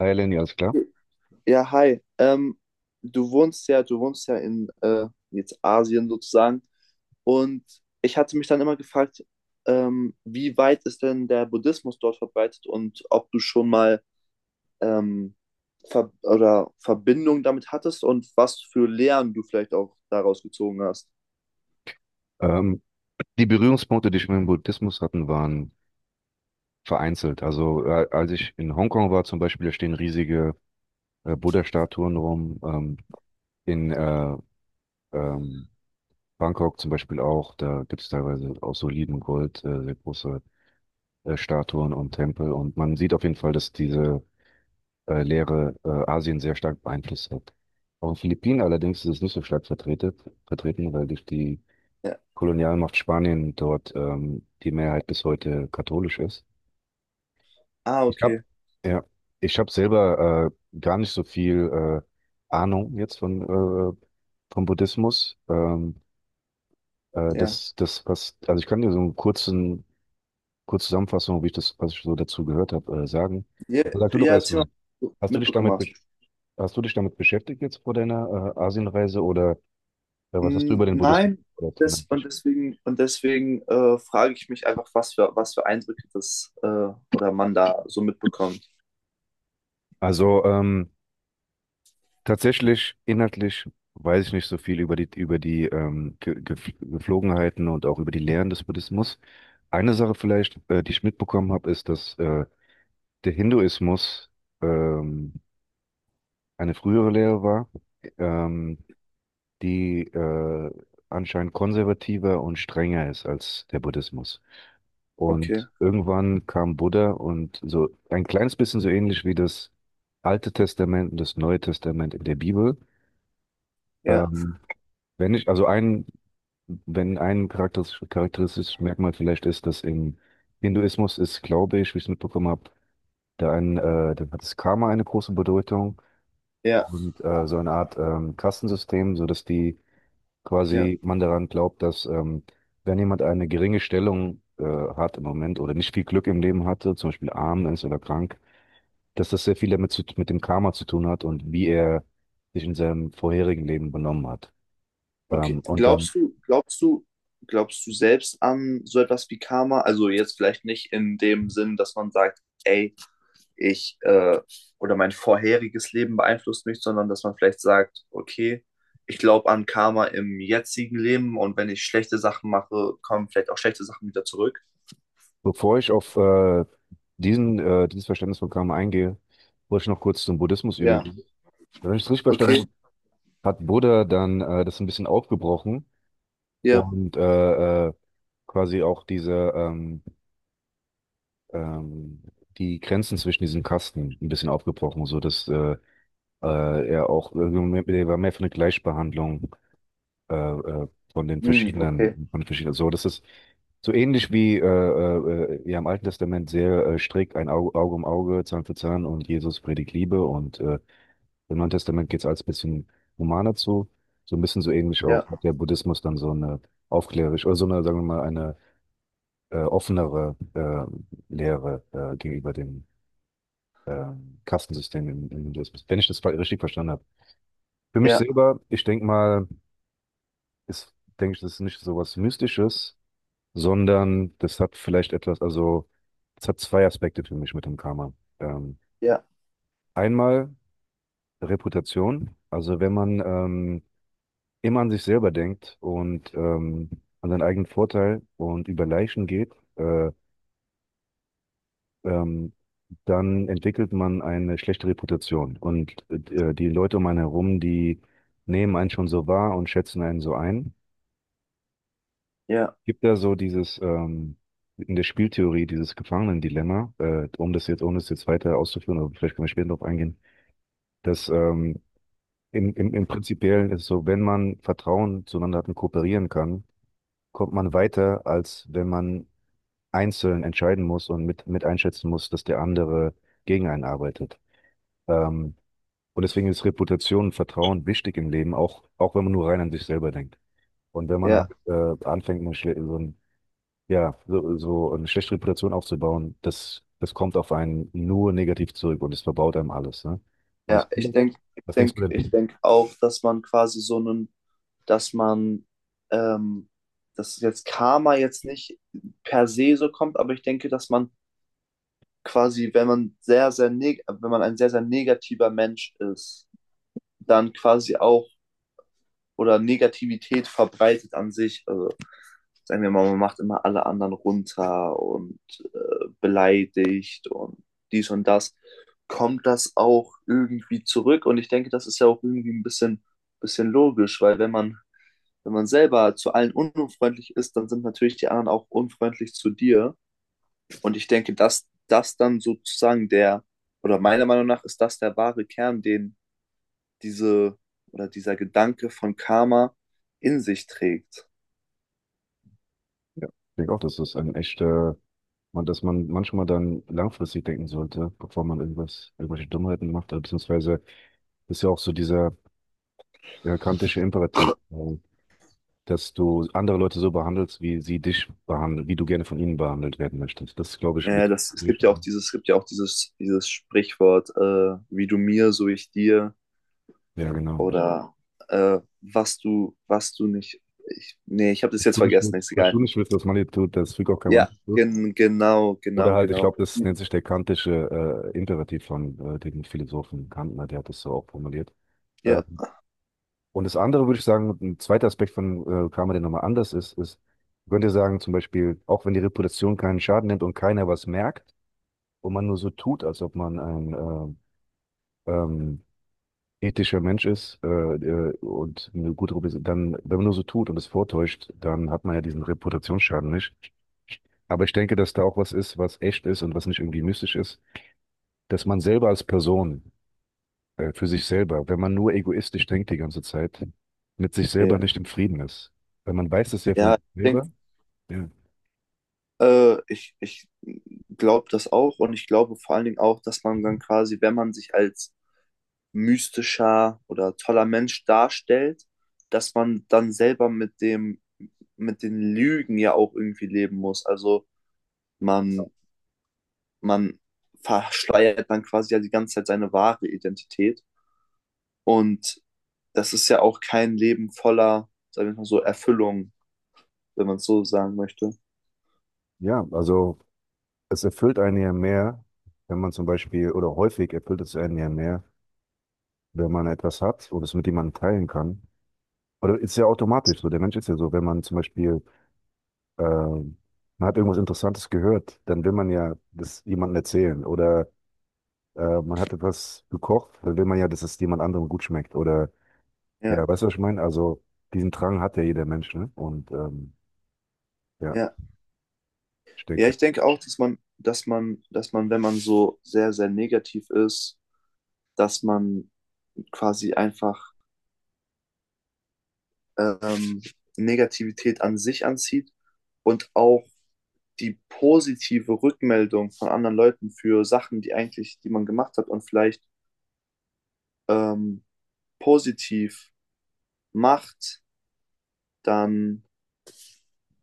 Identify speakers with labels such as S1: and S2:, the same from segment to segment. S1: Hi Lenny, alles klar.
S2: Ja, hi. Du wohnst ja in jetzt Asien sozusagen. Und ich hatte mich dann immer gefragt, wie weit ist denn der Buddhismus dort verbreitet und ob du schon mal ähm, Ver oder Verbindung damit hattest und was für Lehren du vielleicht auch daraus gezogen hast.
S1: Ähm, Die Berührungspunkte, die ich mit dem Buddhismus hatten, waren vereinzelt. Also als ich in Hongkong war zum Beispiel, da stehen riesige Buddha-Statuen rum. In ähm, Bangkok zum Beispiel auch, da gibt es teilweise aus solidem Gold sehr große Statuen und Tempel. Und man sieht auf jeden Fall, dass diese Lehre Asien sehr stark beeinflusst hat. Auf den Philippinen allerdings ist es nicht so stark vertreten, weil durch die
S2: Ja.
S1: Kolonialmacht Spanien dort die Mehrheit bis heute katholisch ist.
S2: Ah,
S1: Ich
S2: okay.
S1: habe ja, ich habe selber gar nicht so viel Ahnung jetzt von äh, vom Buddhismus.
S2: Ja.
S1: Das das was Also ich kann dir so einen kurzen kurze Zusammenfassung, wie ich das was ich so dazu gehört habe, sagen.
S2: Ja,
S1: Aber sag du doch
S2: ja, erzähl mal,
S1: erstmal,
S2: was du
S1: hast du dich
S2: mitbekommen
S1: damit
S2: hast.
S1: besch- hast du dich damit beschäftigt jetzt vor deiner Asienreise oder was hast du
S2: Mm,
S1: über den Buddhismus
S2: nein,
S1: gehört?
S2: deswegen frage ich mich einfach, was für Eindrücke das oder man da so mitbekommt.
S1: Also tatsächlich, inhaltlich weiß ich nicht so viel über die Geflogenheiten und auch über die Lehren des Buddhismus. Eine Sache vielleicht, die ich mitbekommen habe, ist, dass der Hinduismus ähm, eine frühere Lehre war, ähm, die anscheinend konservativer und strenger ist als der Buddhismus.
S2: Okay,
S1: Und irgendwann kam Buddha und so ein kleines bisschen so ähnlich wie das Alte Testament und das Neue Testament in der Bibel.
S2: ja,
S1: Ähm, Wenn ich, also ein, Wenn ein charakteristisches Merkmal vielleicht ist, dass im Hinduismus ist, glaube ich, wie ich es mitbekommen habe, da hat das Karma eine große Bedeutung
S2: ja,
S1: und so eine Art Kastensystem, so dass die
S2: ja,
S1: quasi man daran glaubt, dass wenn jemand eine geringe Stellung hat im Moment oder nicht viel Glück im Leben hatte, zum Beispiel arm ist oder krank, dass das sehr viel damit mit dem Karma zu tun hat und wie er sich in seinem vorherigen Leben benommen hat.
S2: okay.
S1: Und dann
S2: Glaubst du selbst an so etwas wie Karma? Also jetzt vielleicht nicht in dem Sinn, dass man sagt, ey, ich oder mein vorheriges Leben beeinflusst mich, sondern dass man vielleicht sagt, okay, ich glaube an Karma im jetzigen Leben, und wenn ich schlechte Sachen mache, kommen vielleicht auch schlechte Sachen wieder zurück.
S1: Bevor ich auf dieses Verständnis von Karma eingehe, wollte ich noch kurz zum Buddhismus
S2: Ja.
S1: übergehen. Wenn ich es richtig verstanden
S2: Okay, weißt
S1: habe, hat Buddha dann das ein bisschen aufgebrochen
S2: ja.
S1: und quasi auch ähm, die Grenzen zwischen diesen Kasten ein bisschen aufgebrochen, so dass er auch irgendwie, er war mehr für eine Gleichbehandlung von den
S2: Hm, okay.
S1: verschiedenen. So, das ist so ähnlich wie ja, im Alten Testament sehr strikt ein Auge, Auge um Auge, Zahn für Zahn, und Jesus predigt Liebe, und im Neuen Testament geht es alles ein bisschen humaner zu. So ein bisschen so ähnlich auch
S2: Ja,
S1: hat der Buddhismus dann so eine aufklärerisch oder so eine, sagen wir mal, eine offenere Lehre gegenüber dem äh, Kastensystem im, im Hinduismus, wenn ich das richtig verstanden habe. Für mich
S2: ja,
S1: selber, ich denke mal, ist, denke ich, das ist nicht so was Mystisches, sondern das hat vielleicht etwas, also es hat zwei Aspekte für mich mit dem Karma. Ähm,
S2: ja,
S1: Einmal Reputation, also wenn man immer an sich selber denkt und an seinen eigenen Vorteil und über Leichen geht, ähm, dann entwickelt man eine schlechte Reputation, und die Leute um einen herum, die nehmen einen schon so wahr und schätzen einen so ein.
S2: ja,
S1: Gibt ja so dieses in der Spieltheorie dieses Gefangenendilemma, um das jetzt, ohne es jetzt weiter auszuführen, aber vielleicht können wir später darauf eingehen, dass im, im, im Prinzipiellen ist es so, wenn man Vertrauen zueinander hat und kooperieren kann, kommt man weiter, als wenn man einzeln entscheiden muss und mit einschätzen muss, dass der andere gegen einen arbeitet. Ähm, und deswegen ist Reputation und Vertrauen wichtig im Leben, auch, auch wenn man nur rein an sich selber denkt. Und wenn man
S2: ja,
S1: halt anfängt, eine, schle- so ein ja, so, so eine schlechte Reputation aufzubauen, das, das kommt auf einen nur negativ zurück und es verbaut einem alles. Ne? Und das
S2: ja. Ich
S1: andere,
S2: denke, ich
S1: was denkst du
S2: denk, ich
S1: denn?
S2: denk auch, dass man quasi so einen, dass man, ähm, dass jetzt Karma jetzt nicht per se so kommt, aber ich denke, dass man quasi, wenn man sehr, sehr neg wenn man ein sehr, sehr negativer Mensch ist, dann quasi auch oder Negativität verbreitet an sich. Also sagen wir mal, man macht immer alle anderen runter und beleidigt und dies und das, kommt das auch irgendwie zurück. Und ich denke, das ist ja auch irgendwie ein bisschen logisch, weil wenn man selber zu allen unfreundlich ist, dann sind natürlich die anderen auch unfreundlich zu dir. Und ich denke, dass das dann sozusagen der, oder meiner Meinung nach ist das der wahre Kern, den diese oder dieser Gedanke von Karma in sich trägt.
S1: Ja, ich denke auch, das ist ein echter, man, dass man manchmal dann langfristig denken sollte, bevor man irgendwas, irgendwelche Dummheiten macht, oder beziehungsweise ist ja auch so dieser ja, kantische Imperativ, dass du andere Leute so behandelst, wie sie dich behandeln, wie du gerne von ihnen behandelt werden möchtest. Das ist, glaube ich,
S2: Ja, ja,
S1: mit.
S2: das, es gibt ja auch dieses Sprichwort, wie du mir, so ich dir,
S1: Ja, genau.
S2: oder genau. Was du nicht. Ich, nee, ich habe das
S1: Was
S2: jetzt
S1: du nicht
S2: vergessen,
S1: willst,
S2: ist
S1: was du
S2: egal.
S1: nicht willst, was man dir tut, das fügt auch keinem
S2: Ja,
S1: an.
S2: genau,
S1: Oder
S2: genau,
S1: halt, ich
S2: genau.
S1: glaube, das nennt sich der kantische Imperativ von dem Philosophen Kantner, der hat das so auch formuliert.
S2: Ja,
S1: Ähm, und das andere würde ich sagen, ein zweiter Aspekt von Karma, der nochmal anders ist, ist, man könnte sagen, zum Beispiel, auch wenn die Reputation keinen Schaden nimmt und keiner was merkt und man nur so tut, als ob man ein äh, ähm, ethischer Mensch ist und eine gute Reputation, dann, wenn man nur so tut und es vortäuscht, dann hat man ja diesen Reputationsschaden nicht. Aber ich denke, dass da auch was ist, was echt ist und was nicht irgendwie mystisch ist. Dass man selber als Person, für sich selber, wenn man nur egoistisch denkt die ganze Zeit, mit sich selber nicht
S2: ja,
S1: im Frieden ist. Weil man weiß es ja von
S2: ja, ich
S1: sich
S2: denke,
S1: selber. Ja,
S2: ich glaube das auch, und ich glaube vor allen Dingen auch, dass man dann quasi, wenn man sich als mystischer oder toller Mensch darstellt, dass man dann selber mit dem mit den Lügen ja auch irgendwie leben muss. Also man, man verschleiert dann quasi ja die ganze Zeit seine wahre Identität. Und das ist ja auch kein Leben voller, sagen wir mal so, Erfüllung, wenn man es so sagen möchte.
S1: ja, also es erfüllt einen ja mehr, wenn man zum Beispiel, oder häufig erfüllt es einen ja mehr, wenn man etwas hat und es mit jemandem teilen kann. Oder ist ja automatisch so. Der Mensch ist ja so, wenn man zum Beispiel, man hat irgendwas Interessantes gehört, dann will man ja das jemandem erzählen. Oder man hat etwas gekocht, dann will man ja, dass es jemand anderem gut schmeckt. Oder
S2: Ja,
S1: ja, weißt du, was ich meine? Also, diesen Drang hat ja jeder Mensch, ne? Und ja,
S2: ja.
S1: ich
S2: Ja,
S1: denke.
S2: ich denke auch, dass man, wenn man so sehr, sehr negativ ist, dass man quasi einfach ähm, Negativität an sich anzieht und auch die positive Rückmeldung von anderen Leuten für Sachen, die eigentlich, die man gemacht hat und vielleicht ähm, positiv macht, dann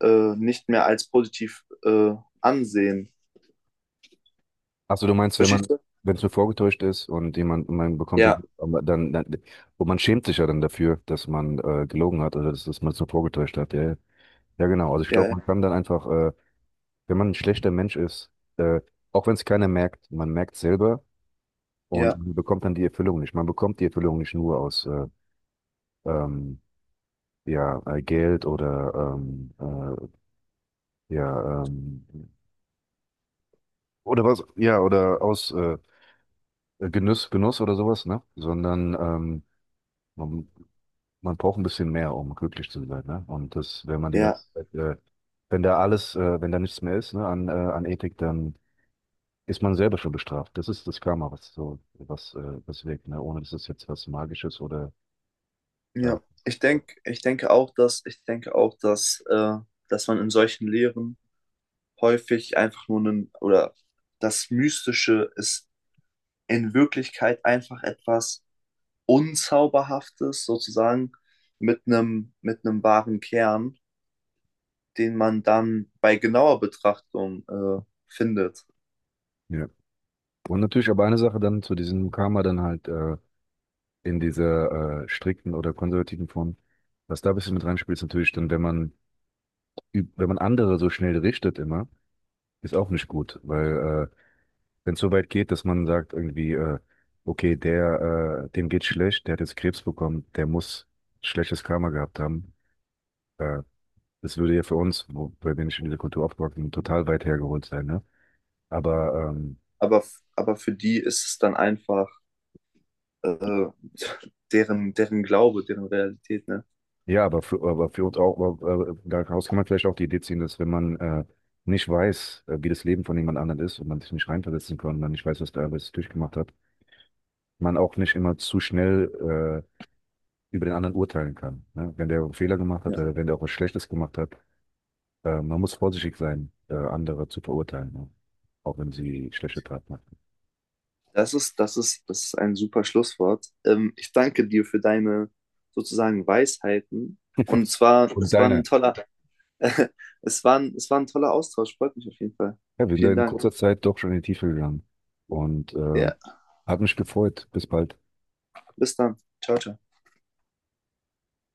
S2: nicht mehr als positiv ansehen.
S1: Achso, du meinst, wenn man,
S2: Verstehst du?
S1: wenn es nur vorgetäuscht ist und jemand, man bekommt dann,
S2: Ja,
S1: aber dann, dann, und man schämt sich ja dann dafür, dass man gelogen hat oder dass, dass man es nur vorgetäuscht hat. Ja, ja, ja, genau. Also ich glaube, man
S2: ja,
S1: kann dann einfach, wenn man ein schlechter Mensch ist, äh, auch wenn es keiner merkt, man merkt selber und
S2: ja,
S1: man bekommt dann die Erfüllung nicht. Man bekommt die Erfüllung nicht nur aus ähm, ja, Geld oder äh, ja, ähm, oder aus Genuss, Genuss oder sowas, ne? Sondern man, man braucht ein bisschen mehr, um glücklich zu sein, ne? Und das, wenn man die ganze
S2: ja,
S1: Zeit, wenn da alles, wenn da nichts mehr ist, ne, an, an Ethik, dann ist man selber schon bestraft. Das ist das Karma, was so, was, was wirkt, ne? Ohne dass es jetzt was Magisches oder äh,
S2: ja. Ich
S1: äh,
S2: denke, ich denke auch, dass, ich denke auch, dass, dass man in solchen Lehren häufig einfach nur einen, oder das Mystische ist in Wirklichkeit einfach etwas Unzauberhaftes sozusagen mit einem wahren Kern, den man dann bei genauer Betrachtung findet.
S1: ja. Und natürlich aber eine Sache dann zu diesem Karma dann halt in dieser strikten oder konservativen Form, was da ein bisschen mit reinspielt, ist natürlich dann, wenn man wenn man andere so schnell richtet immer, ist auch nicht gut, weil wenn es so weit geht, dass man sagt irgendwie, okay, der, dem geht's schlecht, der hat jetzt Krebs bekommen, der muss schlechtes Karma gehabt haben. Äh, Das würde ja für uns, wo, bei denen ich in dieser Kultur aufgewachsen bin, total weit hergeholt sein, ne? Aber
S2: Aber, aber für die ist es dann einfach äh, deren, deren Glaube, deren Realität, ne?
S1: ja, aber für uns auch, aber, daraus kann man vielleicht auch die Idee ziehen, dass wenn man nicht weiß, wie das Leben von jemand anderem ist und man sich nicht reinversetzen kann, und man nicht weiß, was der alles durchgemacht hat, man auch nicht immer zu schnell über den anderen urteilen kann. Ne? Wenn der einen Fehler gemacht
S2: Ja.
S1: hat oder wenn der auch was Schlechtes gemacht hat, man muss vorsichtig sein, andere zu verurteilen, ne? Auch wenn sie schlechte Taten machen.
S2: Das ist ein super Schlusswort. Ich danke dir für deine sozusagen Weisheiten. Und zwar,
S1: Und
S2: es war ein
S1: deine,
S2: toller, es war ein toller Austausch. Freut mich auf jeden Fall.
S1: ja, wir sind da
S2: Vielen
S1: in
S2: Dank.
S1: kurzer Zeit doch schon in die Tiefe gegangen und
S2: Ja,
S1: hat mich gefreut. Bis bald.
S2: bis dann. Ciao, ciao.